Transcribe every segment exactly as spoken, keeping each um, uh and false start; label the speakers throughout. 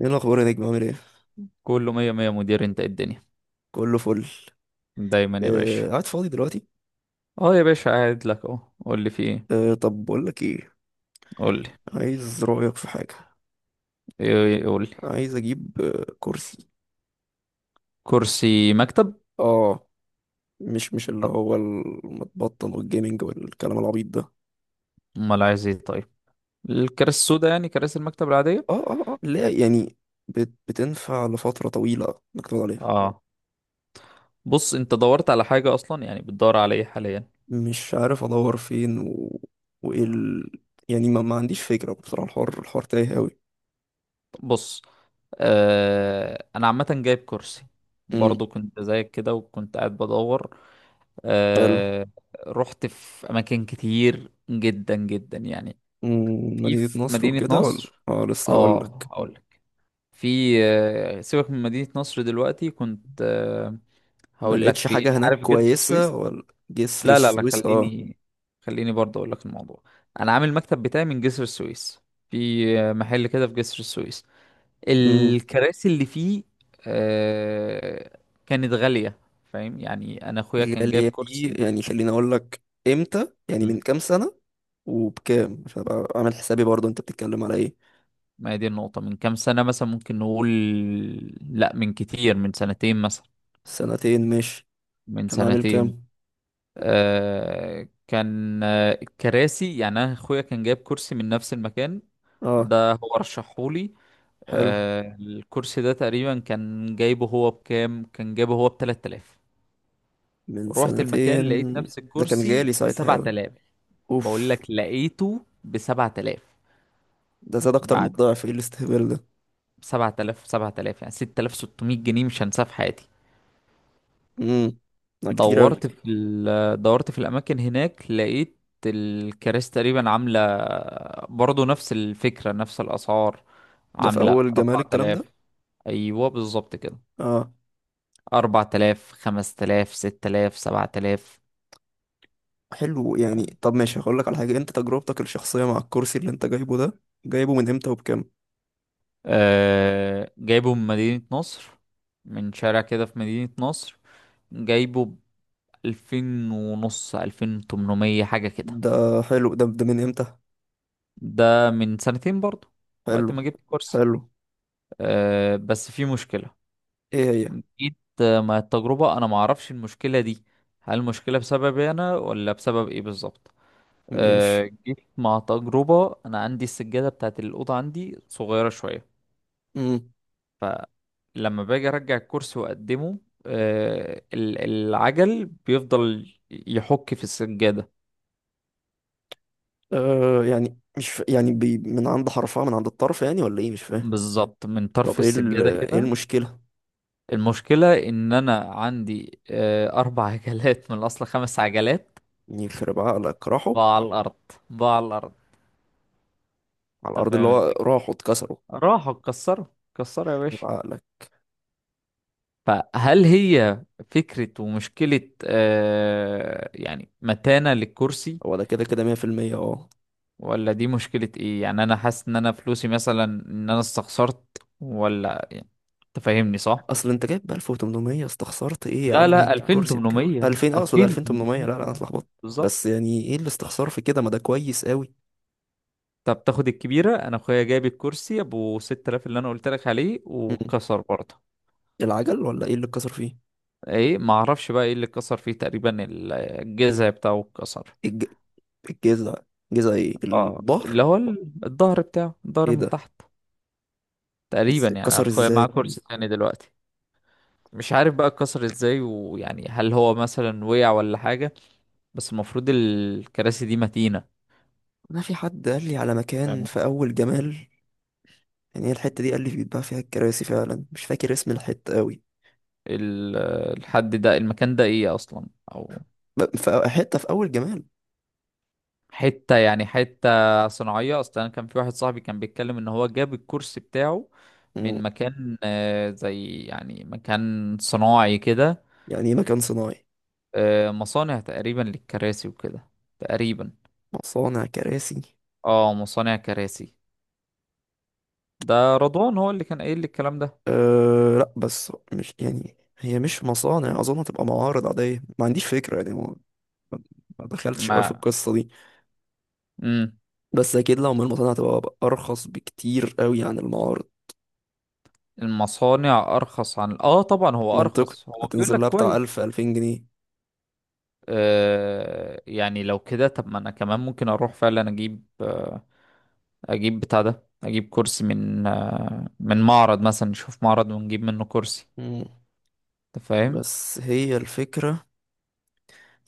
Speaker 1: ايه الاخبار يا نجم؟ عامل ايه؟
Speaker 2: كله مية مية، مدير. انت ايه الدنيا؟
Speaker 1: كله فل.
Speaker 2: دايما يا باشا.
Speaker 1: آه، قاعد فاضي دلوقتي.
Speaker 2: اه، يا باشا، قاعد لك اهو. قول لي، في ايه؟
Speaker 1: آه، طب بقول لك ايه.
Speaker 2: قول لي.
Speaker 1: عايز رايك في حاجه.
Speaker 2: ايه ايه، قول لي.
Speaker 1: عايز اجيب آه كرسي.
Speaker 2: كرسي مكتب.
Speaker 1: اه. مش مش
Speaker 2: طب،
Speaker 1: اللي هو المتبطن والجيمنج والكلام العبيط ده.
Speaker 2: امال عايز ايه؟ طيب. الكراسي السوداء، يعني كراسي المكتب العادية.
Speaker 1: اه، اه، اه، لا يعني بت بتنفع لفتره طويله انك تقعد عليها.
Speaker 2: اه. بص، انت دورت على حاجة اصلا؟ يعني بتدور على ايه حاليا؟
Speaker 1: مش عارف ادور فين و... وايه ال... يعني ما, ما عنديش فكره بصراحه، الحوار الحوار تايه قوي.
Speaker 2: طب بص. آه انا عامة جايب كرسي،
Speaker 1: امم.
Speaker 2: برضو كنت زيك كده وكنت قاعد بدور.
Speaker 1: حلو.
Speaker 2: آه رحت في اماكن كتير جدا جدا، يعني.
Speaker 1: مم،
Speaker 2: في
Speaker 1: مدينه
Speaker 2: في
Speaker 1: نصر
Speaker 2: مدينة
Speaker 1: وكده، ولا؟
Speaker 2: نصر.
Speaker 1: اه، لسه هقول.
Speaker 2: اه، هقول لك. في آه، سيبك من مدينة نصر دلوقتي. كنت آه،
Speaker 1: ما
Speaker 2: هقول لك.
Speaker 1: لقيتش
Speaker 2: في،
Speaker 1: حاجة هناك
Speaker 2: عارف جسر
Speaker 1: كويسة،
Speaker 2: السويس؟
Speaker 1: ولا؟ جسر
Speaker 2: لا لا لا،
Speaker 1: السويس، اه.
Speaker 2: خليني. خليني برضه اقول لك الموضوع. انا عامل المكتب بتاعي من جسر السويس. في آه، محل كده في جسر السويس.
Speaker 1: امم.
Speaker 2: الكراسي اللي فيه آه، كانت غالية. فاهم؟ يعني انا اخويا كان جايب
Speaker 1: غالية دي؟
Speaker 2: كرسي.
Speaker 1: يعني خليني اقول لك، امتى يعني؟
Speaker 2: مم.
Speaker 1: من كام سنة؟ وبكام؟ عشان ابقى عامل حسابي برضه، انت بتتكلم على ايه؟
Speaker 2: ما هي دي النقطة، من كام سنة مثلا ممكن نقول؟ لا، من كتير، من سنتين مثلا.
Speaker 1: سنتين، ماشي.
Speaker 2: من
Speaker 1: كان عامل
Speaker 2: سنتين.
Speaker 1: كام؟
Speaker 2: آه كان آه، الكراسي، يعني انا اخويا كان جايب كرسي من نفس المكان.
Speaker 1: اه،
Speaker 2: ده هو رشحهولي.
Speaker 1: حلو.
Speaker 2: آه الكرسي ده تقريبا كان جايبه هو بكام. كان جايبه هو ب تلات آلاف.
Speaker 1: من
Speaker 2: رحت المكان لقيت
Speaker 1: سنتين؟
Speaker 2: نفس
Speaker 1: ده كان
Speaker 2: الكرسي
Speaker 1: غالي
Speaker 2: ب
Speaker 1: ساعتها اوي.
Speaker 2: سبع آلاف. بقول
Speaker 1: اوف.
Speaker 2: لك لقيته ب سبعة آلاف.
Speaker 1: ده زاد اكتر من
Speaker 2: بعد
Speaker 1: الضعف، ايه الاستهبال ده؟
Speaker 2: سبع آلاف سبع آلاف، يعني ستة آلاف وستميه جنيه، مش هنساه في حياتي.
Speaker 1: امم. ده كتير اوي.
Speaker 2: دورت في ال... دورت في الاماكن هناك، لقيت الكراسي تقريبا عامله برضو نفس الفكره نفس الاسعار.
Speaker 1: ده في
Speaker 2: عامله
Speaker 1: اول جمال الكلام ده.
Speaker 2: اربع آلاف، ايوه بالظبط كده،
Speaker 1: اه.
Speaker 2: اربعة آلاف، خمس آلاف، ست آلاف، سبعة آلاف.
Speaker 1: حلو. يعني طب ماشي، هقول لك على حاجة. انت تجربتك الشخصية مع الكرسي اللي انت جايبه ده، جايبه من امتى وبكام؟
Speaker 2: آه... جايبه من مدينه نصر، من شارع كده في مدينه نصر. جايبه ب ألفين ونص، ألفين وتمنميه حاجه كده.
Speaker 1: ده حلو. ده ده من امتى؟
Speaker 2: ده من سنتين برضو، وقت
Speaker 1: حلو
Speaker 2: ما جبت كرسي.
Speaker 1: حلو.
Speaker 2: آه... بس في مشكله.
Speaker 1: ايه هي؟
Speaker 2: جيت آه، مع التجربة، انا ما اعرفش المشكلة دي. هل المشكلة بسببي انا ولا بسبب ايه بالظبط؟
Speaker 1: ماشي.
Speaker 2: أه جيت مع تجربة، انا عندي السجادة بتاعت الأوضة عندي صغيرة شوية.
Speaker 1: امم.
Speaker 2: فلما باجي ارجع الكرسي واقدمه، أه ال- العجل بيفضل يحك في السجادة.
Speaker 1: آه يعني مش ف... يعني بي... من عند حرفها، من عند الطرف يعني، ولا ايه؟ مش فاهم.
Speaker 2: بالظبط، من طرف
Speaker 1: طب ايه ال...
Speaker 2: السجادة
Speaker 1: ايه
Speaker 2: كده.
Speaker 1: المشكلة؟
Speaker 2: المشكلة ان انا عندي أه اربع عجلات من الاصل خمس عجلات.
Speaker 1: يخرب عقلك، راحوا.
Speaker 2: بقى على الارض. بقى على الارض.
Speaker 1: على
Speaker 2: انت
Speaker 1: الارض. اللي
Speaker 2: فاهم؟
Speaker 1: هو راحوا اتكسروا.
Speaker 2: راحوا اتكسروا. اتكسروا يا
Speaker 1: يخرب
Speaker 2: باشا.
Speaker 1: عقلك.
Speaker 2: فهل هي فكرة ومشكلة، آه يعني متانة للكرسي؟
Speaker 1: هو ده، كده كده مية في المية، اه.
Speaker 2: ولا دي مشكلة ايه؟ يعني انا حاسس ان انا فلوسي مثلا، ان انا استخسرت، ولا، يعني، تفهمني صح؟
Speaker 1: اصل انت جايب ب ألف وتمنمية، استخسرت ايه يا
Speaker 2: لا
Speaker 1: عم؟
Speaker 2: لا، يعني
Speaker 1: هتجيب كرسي بكام؟
Speaker 2: 2800
Speaker 1: ألفين، اقصد ألفين وتمنمية،
Speaker 2: 2800
Speaker 1: لا لا انا اتلخبطت.
Speaker 2: بالظبط.
Speaker 1: بس يعني ايه الاستخسار في كده؟ ما ده كويس قوي.
Speaker 2: طب تاخد الكبيرة؟ انا اخويا جايب الكرسي ابو ست آلاف اللي انا قلت لك عليه،
Speaker 1: مم.
Speaker 2: وكسر برضه.
Speaker 1: العجل، ولا ايه اللي اتكسر فيه؟
Speaker 2: ايه، ما اعرفش بقى ايه اللي كسر فيه تقريبا. الجذع بتاعه اتكسر.
Speaker 1: الج... الجذع؟ جذع ايه،
Speaker 2: اه،
Speaker 1: الظهر؟
Speaker 2: اللي هو ال- الظهر بتاعه، الظهر
Speaker 1: ايه
Speaker 2: من
Speaker 1: ده؟
Speaker 2: تحت.
Speaker 1: إز-
Speaker 2: تقريبا، يعني
Speaker 1: اتكسر
Speaker 2: اخويا
Speaker 1: ازاي؟
Speaker 2: معاه كرسي تاني دلوقتي. مش عارف بقى اتكسر ازاي، ويعني هل هو مثلا وقع ولا حاجة. بس المفروض الكراسي دي متينة.
Speaker 1: انا في حد قال لي على مكان
Speaker 2: فاهم؟
Speaker 1: في اول جمال، يعني هي الحته دي قال لي بيتباع فيها الكراسي فعلا. مش فاكر اسم الحته قوي.
Speaker 2: ال- الحد ده، المكان ده ايه اصلا، او
Speaker 1: ب- في حته في اول جمال.
Speaker 2: حتة يعني حتة صناعية؟ اصلا انا كان في واحد صاحبي كان بيتكلم ان هو جاب الكرسي بتاعه
Speaker 1: مم.
Speaker 2: من مكان، آه، زي يعني مكان صناعي كده.
Speaker 1: يعني ايه مكان صناعي؟
Speaker 2: آه، مصانع تقريبا للكراسي وكده، تقريبا.
Speaker 1: مصانع كراسي؟
Speaker 2: اه، مصانع كراسي. ده رضوان هو اللي كان قايل لي الكلام ده.
Speaker 1: أه، لا، بس مش يعني هي مش مصانع، اظن هتبقى معارض عاديه. ما عنديش فكره يعني، ما ما دخلتش قوي في
Speaker 2: ما،
Speaker 1: القصه دي.
Speaker 2: امم
Speaker 1: بس اكيد لو من المصانع هتبقى ارخص بكتير قوي عن المعارض.
Speaker 2: المصانع ارخص، عن اه طبعا هو
Speaker 1: منطقي.
Speaker 2: ارخص، هو بيقول
Speaker 1: هتنزل
Speaker 2: لك
Speaker 1: لها بتاع
Speaker 2: كويس.
Speaker 1: ألف، ألفين جنيه.
Speaker 2: آه يعني لو كده، طب ما انا كمان ممكن اروح فعلا اجيب. آه اجيب بتاع ده اجيب كرسي من آه من معرض مثلا، نشوف معرض ونجيب منه كرسي.
Speaker 1: مم.
Speaker 2: انت فاهم؟
Speaker 1: بس هي الفكره.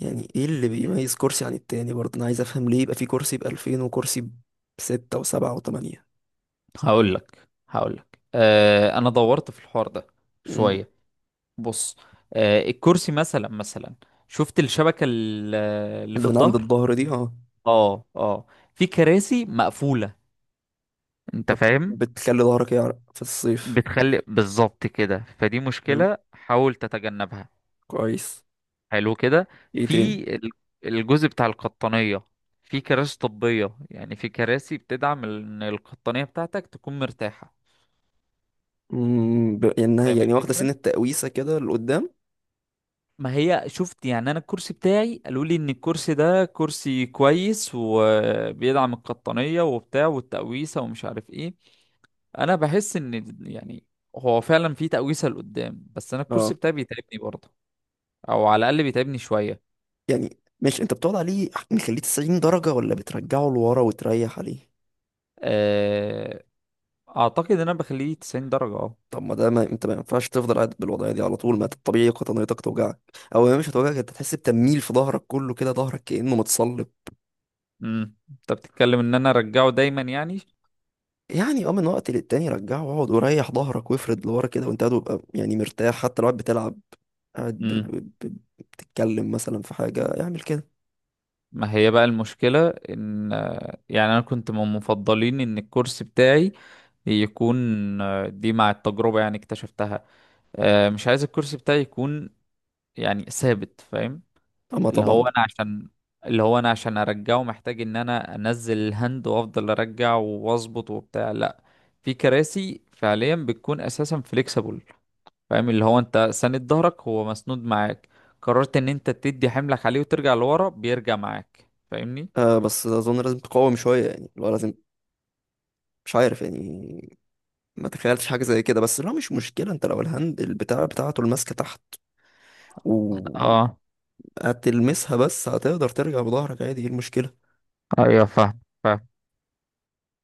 Speaker 1: يعني ايه اللي بيميز كرسي عن التاني برضه؟ انا عايز افهم ليه يبقى في كرسي ب ألفين وكرسي بستة وسبعة وتمانية.
Speaker 2: هقول لك هقول لك آه انا دورت في الحوار ده
Speaker 1: مم.
Speaker 2: شوية. بص، آه الكرسي مثلا مثلا شفت الشبكة، ال- اللي في
Speaker 1: اللي من عند
Speaker 2: الظهر.
Speaker 1: الظهر دي؟ اه.
Speaker 2: اه، اه. في كراسي مقفولة، انت فاهم؟
Speaker 1: فبتخلي ظهرك يعرق في الصيف.
Speaker 2: بتخلي بالظبط كده، فدي
Speaker 1: حلو.
Speaker 2: مشكلة حاول تتجنبها.
Speaker 1: كويس.
Speaker 2: حلو كده.
Speaker 1: ايه
Speaker 2: في
Speaker 1: تاني؟
Speaker 2: ال- الجزء بتاع القطنية، في كراسي طبية، يعني في كراسي بتدعم ان القطنية بتاعتك تكون مرتاحة.
Speaker 1: مم، ب- انها
Speaker 2: فاهم
Speaker 1: يعني واخده سن
Speaker 2: الفكرة؟
Speaker 1: التقويسه كده لقدام.
Speaker 2: ما هي شفت، يعني انا الكرسي بتاعي قالوا لي ان الكرسي ده كرسي كويس وبيدعم القطنية وبتاع والتقويسة ومش عارف ايه. انا بحس ان، يعني، هو فعلا في تقويسه لقدام، بس انا الكرسي
Speaker 1: اه.
Speaker 2: بتاعي بيتعبني برضه، او على الاقل بيتعبني شويه.
Speaker 1: يعني ماشي، انت بتقعد عليه مخليه تسعين درجه، ولا بترجعه لورا وتريح عليه؟
Speaker 2: أه، اعتقد ان انا بخليه تسعين درجه، اه.
Speaker 1: طب ما ده، ما انت ما ينفعش تفضل قاعد بالوضعيه دي على طول. ما انت الطبيعي قطنيتك توجعك، او هي مش هتوجعك، انت تحس بتميل في ظهرك كله كده، ظهرك كانه متصلب.
Speaker 2: امم انت بتتكلم ان انا ارجعه دايما، يعني.
Speaker 1: يعني اه، من وقت للتاني رجعه واقعد وريح ظهرك وافرد لورا كده وانت قاعد، وابقى يعني مرتاح حتى لو قاعد بتلعب، قاعد ب...
Speaker 2: امم.
Speaker 1: ب... ب... بتتكلم مثلا في حاجه، اعمل كده.
Speaker 2: ما هي بقى المشكله ان، آه، يعني انا كنت من مفضلين ان الكرسي بتاعي يكون، آه، دي مع التجربه يعني اكتشفتها. أه، مش عايز الكرسي بتاعي يكون يعني ثابت، فاهم؟
Speaker 1: اما
Speaker 2: اللي
Speaker 1: طبعا.
Speaker 2: هو انا عشان اللي هو انا عشان ارجعه محتاج ان انا انزل الهند وافضل ارجع واظبط وبتاع، لا. في كراسي فعليا بتكون اساسا فليكسبل، فاهم؟ اللي هو انت ساند ظهرك، هو مسنود معاك. قررت ان انت تدي حملك عليه وترجع لورا، بيرجع معاك، فاهمني؟
Speaker 1: آه بس اظن لازم تقاوم شويه، يعني لو لازم. مش عارف يعني، ما تخيلتش حاجة زي كده. بس لا، مش مشكلة. انت لو الهاندل بتاع بتاعته الماسكة تحت وهتلمسها،
Speaker 2: اه،
Speaker 1: بس هتقدر ترجع بظهرك عادي. ايه المشكلة؟
Speaker 2: ايوه فاهم فاهم.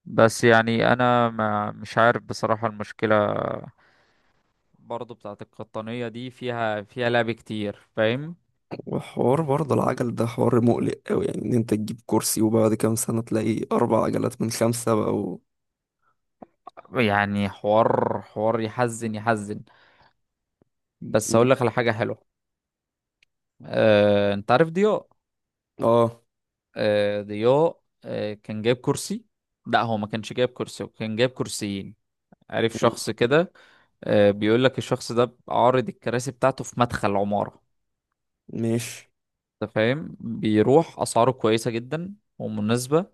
Speaker 2: بس يعني انا ما مش عارف بصراحة المشكلة برضه بتاعت القطنية دي، فيها فيها لعب كتير، فاهم؟
Speaker 1: وحوار برضه العجل ده حوار مقلق أوي، يعني ان انت تجيب كرسي وبعد كام سنة تلاقي أربع عجلات من خمسة بقوا.
Speaker 2: يعني، حوار حوار يحزن يحزن. بس
Speaker 1: مم.
Speaker 2: هقول لك على حاجة حلوة. آه، انت عارف ضياء؟
Speaker 1: اه.
Speaker 2: آه، ضياء آه، كان جايب كرسي. لا، هو ما كانش جايب كرسي، هو كان جايب كرسيين. عارف
Speaker 1: مم.
Speaker 2: شخص كده. آه، بيقول لك الشخص ده عارض الكراسي بتاعته في مدخل عمارة.
Speaker 1: ماشي.
Speaker 2: انت فاهم؟ بيروح اسعاره كويسة جدا ومناسبة.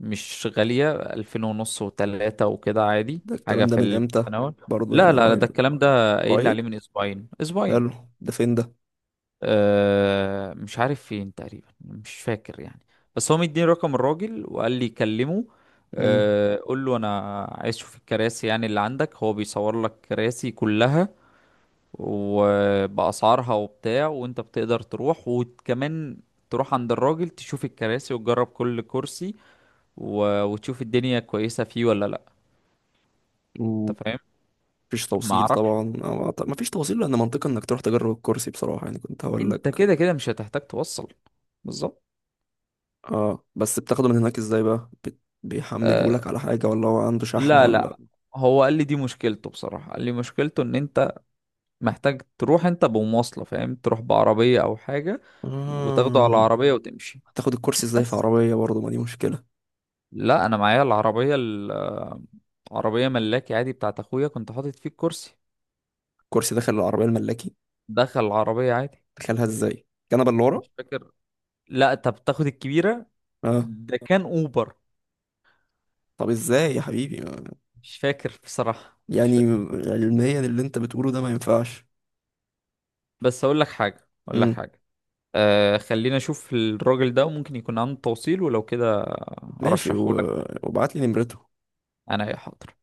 Speaker 2: مش غالية، ألفين ونص وتلاتة وكده، عادي،
Speaker 1: ده
Speaker 2: حاجة
Speaker 1: الكلام ده
Speaker 2: في
Speaker 1: من امتى؟
Speaker 2: التناول.
Speaker 1: برضه
Speaker 2: لا
Speaker 1: يعني
Speaker 2: لا لا،
Speaker 1: راعي.
Speaker 2: ده الكلام ده قايل لي
Speaker 1: قريب؟
Speaker 2: عليه من أسبوعين أسبوعين.
Speaker 1: حلو. ده فين ده؟
Speaker 2: آه مش عارف فين تقريبا، مش فاكر يعني. بس هو مديني رقم الراجل وقال لي كلمه.
Speaker 1: مم.
Speaker 2: آه قول له انا عايز اشوف الكراسي يعني اللي عندك. هو بيصور لك كراسي كلها وبأسعارها وبتاع، وانت بتقدر تروح، وكمان تروح عند الراجل تشوف الكراسي وتجرب كل كرسي، و... وتشوف الدنيا كويسة فيه ولا لا.
Speaker 1: مم.
Speaker 2: انت فاهم؟
Speaker 1: مفيش
Speaker 2: ما
Speaker 1: توصيل
Speaker 2: اعرفش.
Speaker 1: طبعا، أو أعت- مفيش توصيل، لأن منطقي إنك تروح تجرب الكرسي بصراحة، يعني كنت هقول
Speaker 2: انت
Speaker 1: لك.
Speaker 2: كده كده مش هتحتاج توصل. بالظبط.
Speaker 1: اه، بس بتاخده من هناك ازاي بقى؟ بت... بيحمله لك
Speaker 2: آه،
Speaker 1: على حاجة، ولا هو عنده شحن
Speaker 2: لا
Speaker 1: ولا؟
Speaker 2: لا. هو قال لي دي مشكلته، بصراحة قال لي مشكلته ان انت محتاج تروح انت بمواصلة، فاهم؟ تروح بعربية او حاجة وتاخده على
Speaker 1: آه.
Speaker 2: العربية وتمشي.
Speaker 1: هتاخد الكرسي ازاي في
Speaker 2: بس
Speaker 1: عربية برضه؟ ما دي مشكلة.
Speaker 2: لا، انا معايا العربية ال- آه، عربية ملاكي عادي بتاعت اخويا، كنت حاطط فيه الكرسي.
Speaker 1: الكرسي داخل العربية الملاكي؟
Speaker 2: دخل العربية عادي.
Speaker 1: دخلها ازاي، الكنبة اللي ورا؟
Speaker 2: مش فاكر. لا، انت بتاخد الكبيرة.
Speaker 1: اه.
Speaker 2: ده كان اوبر.
Speaker 1: طب ازاي يا حبيبي، ما-
Speaker 2: مش فاكر بصراحة، مش
Speaker 1: يعني
Speaker 2: فاكر.
Speaker 1: علميا اللي انت بتقوله ده ما ينفعش.
Speaker 2: بس اقول لك حاجة اقول لك
Speaker 1: امم.
Speaker 2: حاجة آه خلينا اشوف الراجل ده وممكن يكون عنده توصيل ولو كده.
Speaker 1: ماشي،
Speaker 2: ارشحه.
Speaker 1: و... وابعت لي نمرته.
Speaker 2: انا، يا حاضر.